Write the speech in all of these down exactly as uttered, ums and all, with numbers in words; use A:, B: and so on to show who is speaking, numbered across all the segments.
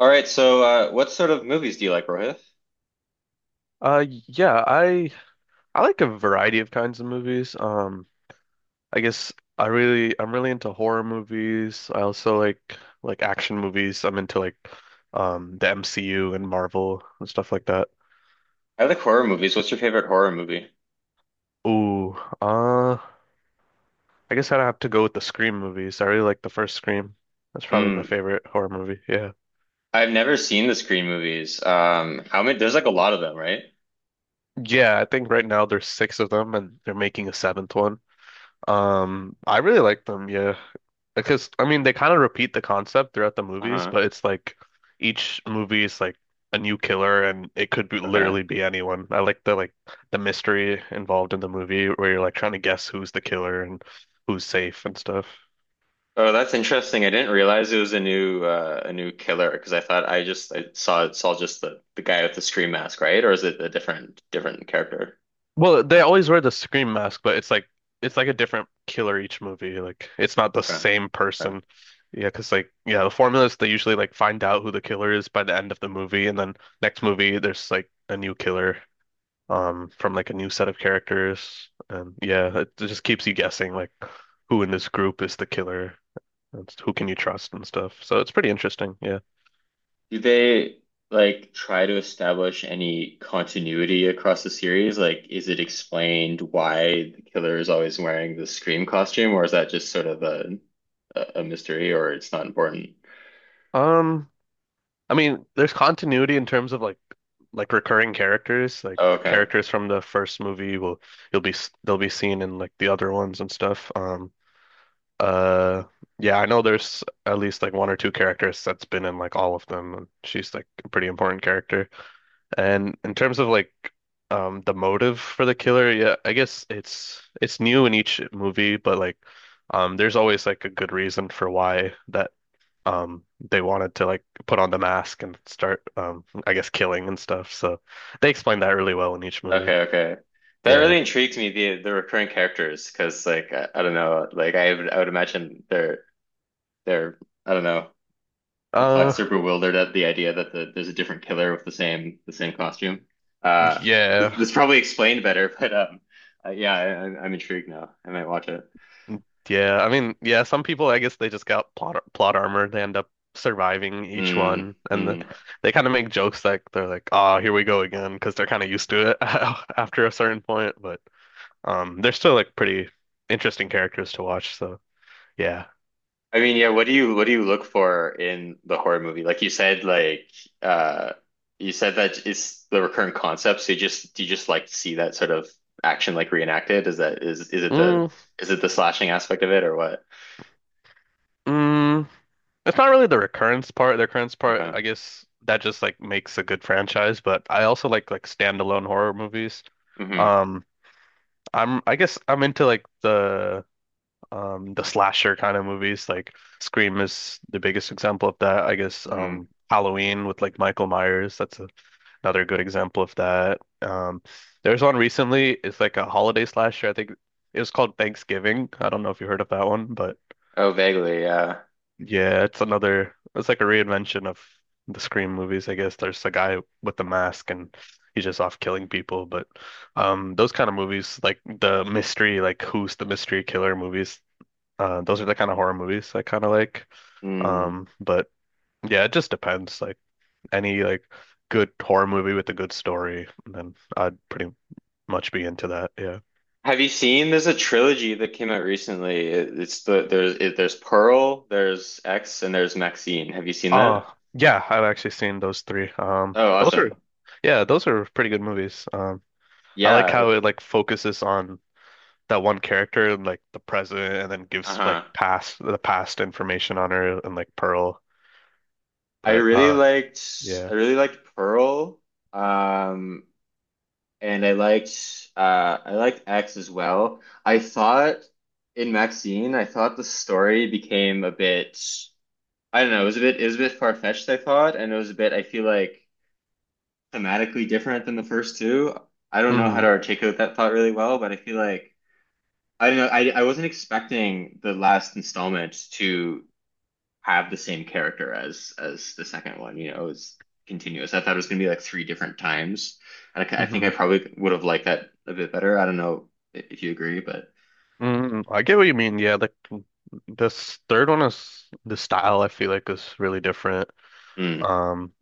A: All right, so uh, what sort of movies do you like, Rohith?
B: Uh, yeah, I I like a variety of kinds of movies. Um, I guess I really I'm really into horror movies. I also like like action movies. I'm into like um the M C U and Marvel and stuff like that.
A: I like horror movies. What's your favorite horror movie?
B: Ooh, uh, I guess I'd have to go with the Scream movies. I really like the first Scream. That's probably my
A: Hmm.
B: favorite horror movie. Yeah.
A: I've never seen the Scream movies. Um, how many? There's like a lot of them, right?
B: Yeah, I think right now there's six of them and they're making a seventh one. Um, I really like them. Yeah. Because I mean, they kind of repeat the concept throughout the movies,
A: Uh-huh.
B: but it's like each movie is like a new killer, and it could be
A: Okay.
B: literally be anyone. I like the like the mystery involved in the movie where you're like trying to guess who's the killer and who's safe and stuff.
A: Oh, that's interesting. I didn't realize it was a new uh, a new killer, because I thought I just I saw saw just the the guy with the Scream mask, right? Or is it a different different character?
B: Well, they always wear the scream mask, but it's like it's like a different killer each movie. Like it's not the
A: Okay.
B: same
A: Okay.
B: person. Yeah, because like yeah, the formula is they usually like find out who the killer is by the end of the movie, and then next movie there's like a new killer. Um from like a new set of characters, and yeah, it just keeps you guessing like who in this group is the killer and who can you trust and stuff, so it's pretty interesting. Yeah.
A: Do they like try to establish any continuity across the series? Like, is it explained why the killer is always wearing the Scream costume, or is that just sort of a a a mystery, or it's not important?
B: um I mean there's continuity in terms of like like recurring characters, like
A: Oh, okay,
B: characters from the first movie will you'll be s- they'll be seen in like the other ones and stuff. um uh yeah, I know there's at least like one or two characters that's been in like all of them, and she's like a pretty important character. And in terms of like um the motive for the killer, yeah, I guess it's it's new in each movie, but like um there's always like a good reason for why that um they wanted to like put on the mask and start um I guess killing and stuff. So they explain that really well in each movie.
A: okay, okay. That really
B: Yeah.
A: intrigues me, the the recurring characters, because, like, I, I don't know, like I would I would imagine they're they're I don't know,
B: Uh
A: perplexed or bewildered at the idea that the, there's a different killer with the same the same costume. Uh, this,
B: yeah.
A: this probably explained better, but um, uh, yeah, I, I'm intrigued now. I might watch it.
B: Yeah, I mean, yeah, some people, I guess they just got plot plot armor. They end up surviving each
A: Mm,
B: one, and then
A: mm.
B: they kind of make jokes like they're like, "Ah, here we go again," because they're kind of used to it after a certain point. But um, they're still like pretty interesting characters to watch. So yeah.
A: I mean, yeah, what do you what do you look for in the horror movie? Like you said, like uh, you said that it's the recurrent concept. So you just do you just like to see that sort of action like reenacted? Is that is is it the
B: mm,
A: is it the slashing aspect of it or what?
B: mm, it's not really the recurrence part. The recurrence part,
A: Okay.
B: I guess, that just like makes a good franchise. But I also like like standalone horror movies.
A: Hmm.
B: Um, I'm I guess I'm into like the um the slasher kind of movies like Scream is the biggest example of that, I guess. um
A: Hmm.
B: Halloween with like Michael Myers, that's a another good example of that. Um there's one recently, it's like a holiday slasher, I think it was called Thanksgiving. I don't know if you heard of that one, but
A: Oh, vaguely, yeah.
B: yeah, it's another, it's like a reinvention of the Scream movies, I guess. There's a guy with the mask and he's just off killing people. But um those kind of movies, like the mystery like who's the mystery killer movies, uh, those are the kind of horror movies I kind of like.
A: Mm.
B: Um, but yeah, it just depends. Like any like good horror movie with a good story, then I'd pretty much be into that. Yeah.
A: Have you seen? There's a trilogy that came out recently. It, it's the there's it, there's Pearl, there's X, and there's Maxine. Have you seen that?
B: Oh, yeah, I've actually seen those three. Um,
A: Oh,
B: those
A: awesome.
B: are, yeah, those are pretty good movies. Um, I like
A: Yeah.
B: how it like focuses on that one character and like the present, and then gives like
A: Uh-huh.
B: past the past information on her and like Pearl.
A: I
B: But
A: really
B: uh,
A: liked
B: yeah.
A: I really liked Pearl. Um, and I liked uh I liked X as well. I thought in Maxine, I thought the story became a bit, I don't know, it was a bit it was a bit far-fetched, I thought, and it was a bit, I feel like, thematically different than the first two. I don't know how
B: Mm-hmm.
A: to articulate that thought really well, but I feel like, I don't know. I, I wasn't expecting the last installment to have the same character as as the second one. You know, it was continuous. I thought it was gonna be like three different times, and I I think I
B: Mm-hmm.
A: probably would have liked that a bit better. I don't know if you agree, but
B: Mm, I get what you mean. Yeah, like mm, this third one is the style, I feel like, is really different.
A: mm.
B: Um,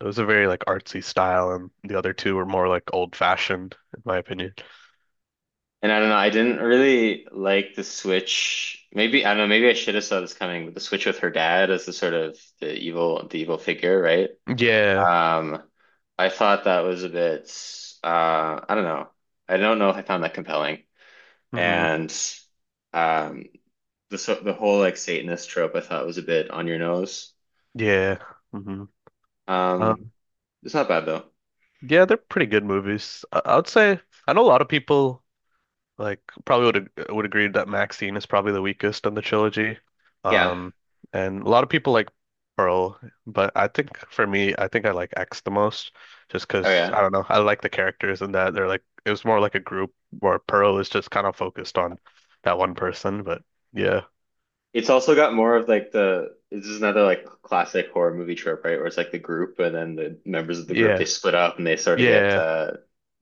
B: it was a very like artsy style, and the other two were more like old fashioned, in my opinion.
A: And I don't know. I didn't really like the switch. Maybe I don't know. Maybe I should have saw this coming, but the switch with her dad as the sort of the evil the evil figure, right?
B: Yeah.
A: Um, I thought that was a bit, uh, I don't know. I don't know if I found that compelling.
B: Hmm.
A: And um, the so the whole like Satanist trope I thought was a bit on your nose.
B: Yeah. Hmm.
A: Um,
B: Um,
A: it's not bad though.
B: yeah, they're pretty good movies. I, I would say I know a lot of people like probably would ag- would agree that Maxine is probably the weakest on the trilogy.
A: Yeah.
B: Um, and a lot of people like Pearl, but I think for me, I think I like X the most just
A: Oh
B: because
A: yeah.
B: I don't know. I like the characters, and that they're like it was more like a group where Pearl is just kind of focused on that one person, but yeah.
A: It's also got more of like the this is another like classic horror movie trope, right? Where it's like the group, and then the members of the group they
B: Yeah.
A: split up and they sort of get
B: Yeah.
A: uh,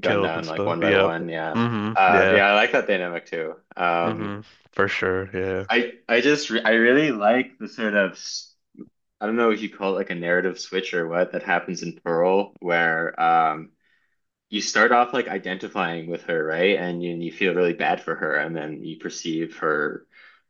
A: gunned
B: Killed and
A: down like
B: stuff.
A: one by
B: Yeah.
A: one. Yeah.
B: Mm-hmm.
A: Uh,
B: Yeah.
A: yeah, I like that dynamic too. Um,
B: Mm-hmm. For sure. Yeah.
A: I I just re I really like the sort of s-. I don't know if you call it like a narrative switch or what that happens in Pearl where um you start off like identifying with her, right, and you, you feel really bad for her and then you perceive her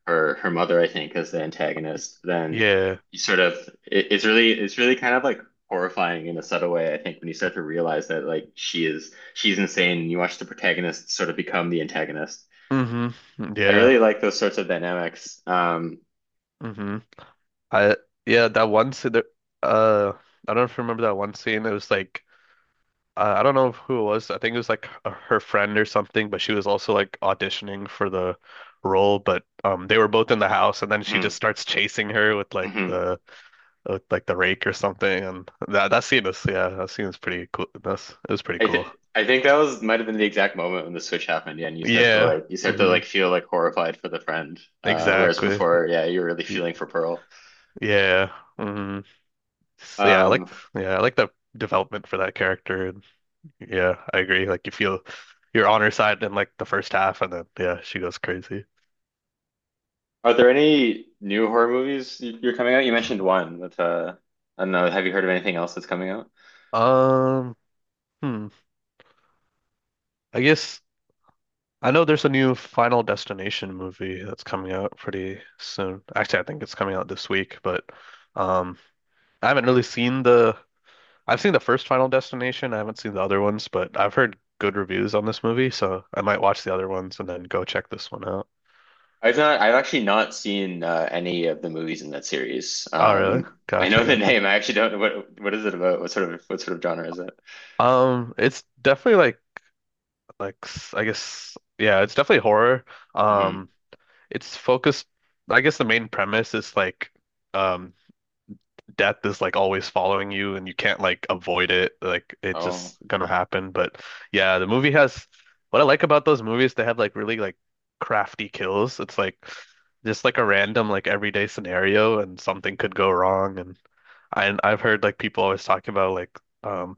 A: her her mother, I think, as the antagonist, then
B: Yeah.
A: you sort of it, it's really it's really kind of like horrifying in a subtle way, I think, when you start to realize that like she is she's insane and you watch the protagonist sort of become the antagonist.
B: Mm-hmm.
A: I
B: Yeah.
A: really like those sorts of dynamics um.
B: Mm-hmm. I yeah, that one scene there, uh I don't know if you remember that one scene. It was like uh, I don't know who it was. I think it was like h- her friend or something, but she was also like auditioning for the role, but um they were both in the house and then she
A: Hmm.
B: just starts chasing her with like
A: Hmm.
B: the with like the rake or something, and that that scene is yeah, that scene is pretty cool. That's it was pretty
A: I
B: cool.
A: th I think that was might have been the exact moment when the switch happened. Yeah, and you start to
B: Yeah.
A: like you start to
B: Hmm.
A: like feel like horrified for the friend. Uh, whereas
B: Exactly.
A: before, yeah, you're really
B: Y-
A: feeling for Pearl.
B: Yeah. Hmm. So yeah, I like
A: Um,
B: yeah, I like the development for that character. Yeah, I agree. Like you feel you're on her side in like the first half, and then yeah, she goes crazy.
A: are there any new horror movies you- you're coming out? You mentioned one with uh, I don't know. Have you heard of anything else that's coming out?
B: Um, hmm. I guess I know there's a new Final Destination movie that's coming out pretty soon. Actually, I think it's coming out this week, but um, I haven't really seen the. I've seen the first Final Destination. I haven't seen the other ones, but I've heard good reviews on this movie, so I might watch the other ones and then go check this one out.
A: I've not. I've actually not seen uh, any of the movies in that series.
B: Oh, really?
A: Um, I
B: Gotcha,
A: know the
B: gotcha.
A: name. I actually don't know what what is it about. What sort of what sort of genre is it?
B: Um, it's definitely like like s- I guess yeah, it's definitely horror.
A: Hmm.
B: Um, it's focused. I guess the main premise is like um death is like always following you and you can't like avoid it. Like it's
A: Oh.
B: just gonna happen. But yeah, the movie has what I like about those movies, they have like really like crafty kills. It's like just like a random like everyday scenario and something could go wrong. And I I've heard like people always talking about like um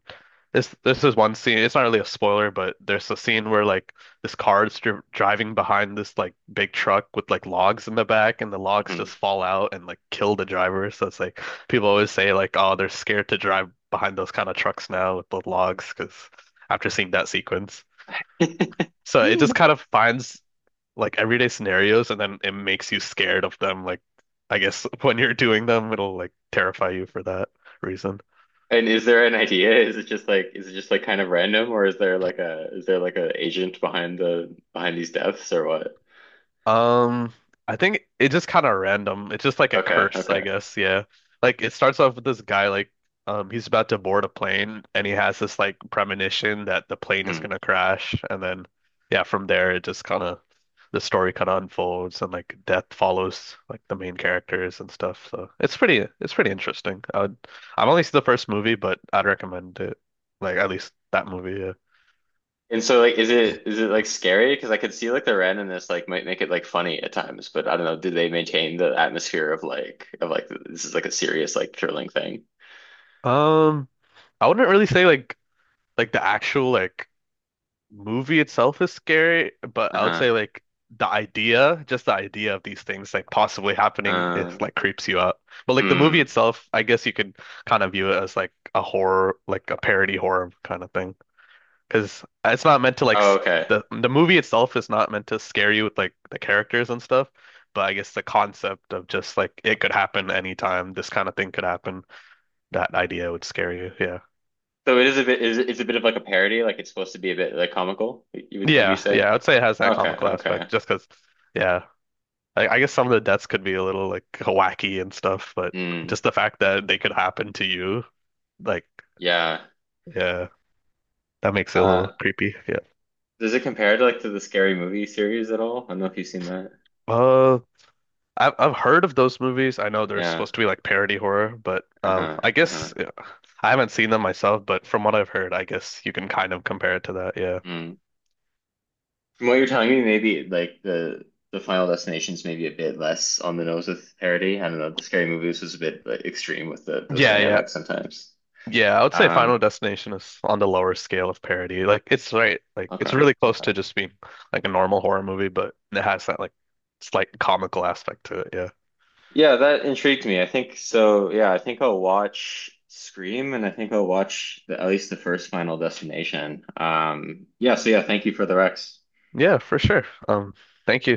B: this this is one scene. It's not really a spoiler, but there's a scene where like this car is dri driving behind this like big truck with like logs in the back, and the logs just
A: Hmm.
B: fall out and like kill the driver. So it's like people always say like, oh, they're scared to drive behind those kind of trucks now with the logs, because after seeing that sequence, so it just kind of finds like everyday scenarios, and then it makes you scared of them. Like I guess when you're doing them, it'll like terrify you for that reason.
A: And is there an idea? Is it just like is it just like kind of random, or is there like a is there like a agent behind the behind these deaths or what?
B: Um, I think it just kind of random. It's just like a
A: Okay,
B: curse, I
A: okay.
B: guess. Yeah. Like it starts off with this guy like um he's about to board a plane and he has this like premonition that the plane is
A: Hmm.
B: gonna crash, and then yeah, from there it just kind of the story kind of unfolds, and like death follows like the main characters and stuff. So it's pretty it's pretty interesting. I would, I've only seen the first movie, but I'd recommend it. Like at least that movie, yeah.
A: And so, like, is it is it like scary? Because I could see like the randomness like might make it like funny at times, but I don't know, do they maintain the atmosphere of like of like this is like a serious like thrilling thing?
B: Um, I wouldn't really say like like the actual like movie itself is scary, but I would say
A: Uh-huh.
B: like the idea, just the idea of these things like possibly happening is
A: Uh,
B: like creeps you out. But like the movie
A: hmm.
B: itself, I guess you could kind of view it as like a horror, like a parody horror kind of thing. Because it's not meant to like
A: Oh,
B: s-
A: okay.
B: the the movie itself is not meant to scare you with like the characters and stuff. But I guess the concept of just like it could happen anytime, this kind of thing could happen, that idea would scare you. Yeah.
A: So it is a bit is it's a bit of like a parody, like it's supposed to be a bit like comical, you would would you
B: Yeah. Yeah.
A: say?
B: I would say it has that
A: Okay,
B: comical
A: okay.
B: aspect just because, yeah. I, I guess some of the deaths could be a little like wacky and stuff, but
A: Hmm.
B: just the fact that they could happen to you, like,
A: Yeah.
B: yeah, that makes it a little
A: Uh,
B: creepy. Yeah.
A: does it compare to like to the Scary Movie series at all? I don't know if you've seen that.
B: Uh, I've I've heard of those movies. I know they're
A: Yeah.
B: supposed to be like parody horror, but um,
A: Uh-huh.
B: I
A: Uh-huh.
B: guess yeah, I haven't seen them myself. But from what I've heard, I guess you can kind of compare it to that. Yeah.
A: Mm. From what you're telling me, maybe like the the Final Destination's maybe a bit less on the nose with parody. I don't know. The Scary Movies was a bit, like, extreme with the, those
B: Yeah. Yeah.
A: dynamics sometimes.
B: Yeah, I would say Final
A: Um.
B: Destination is on the lower scale of parody. Like it's right, like
A: Okay.
B: it's really close to
A: Okay.
B: just being like a normal horror movie, but it has that like slight comical aspect to it. Yeah.
A: Yeah, that intrigued me. I think so. Yeah, I think I'll watch Scream, and I think I'll watch the, at least the first Final Destination. Um. Yeah. So yeah, thank you for the Rex.
B: Yeah, for sure. Um, thank you.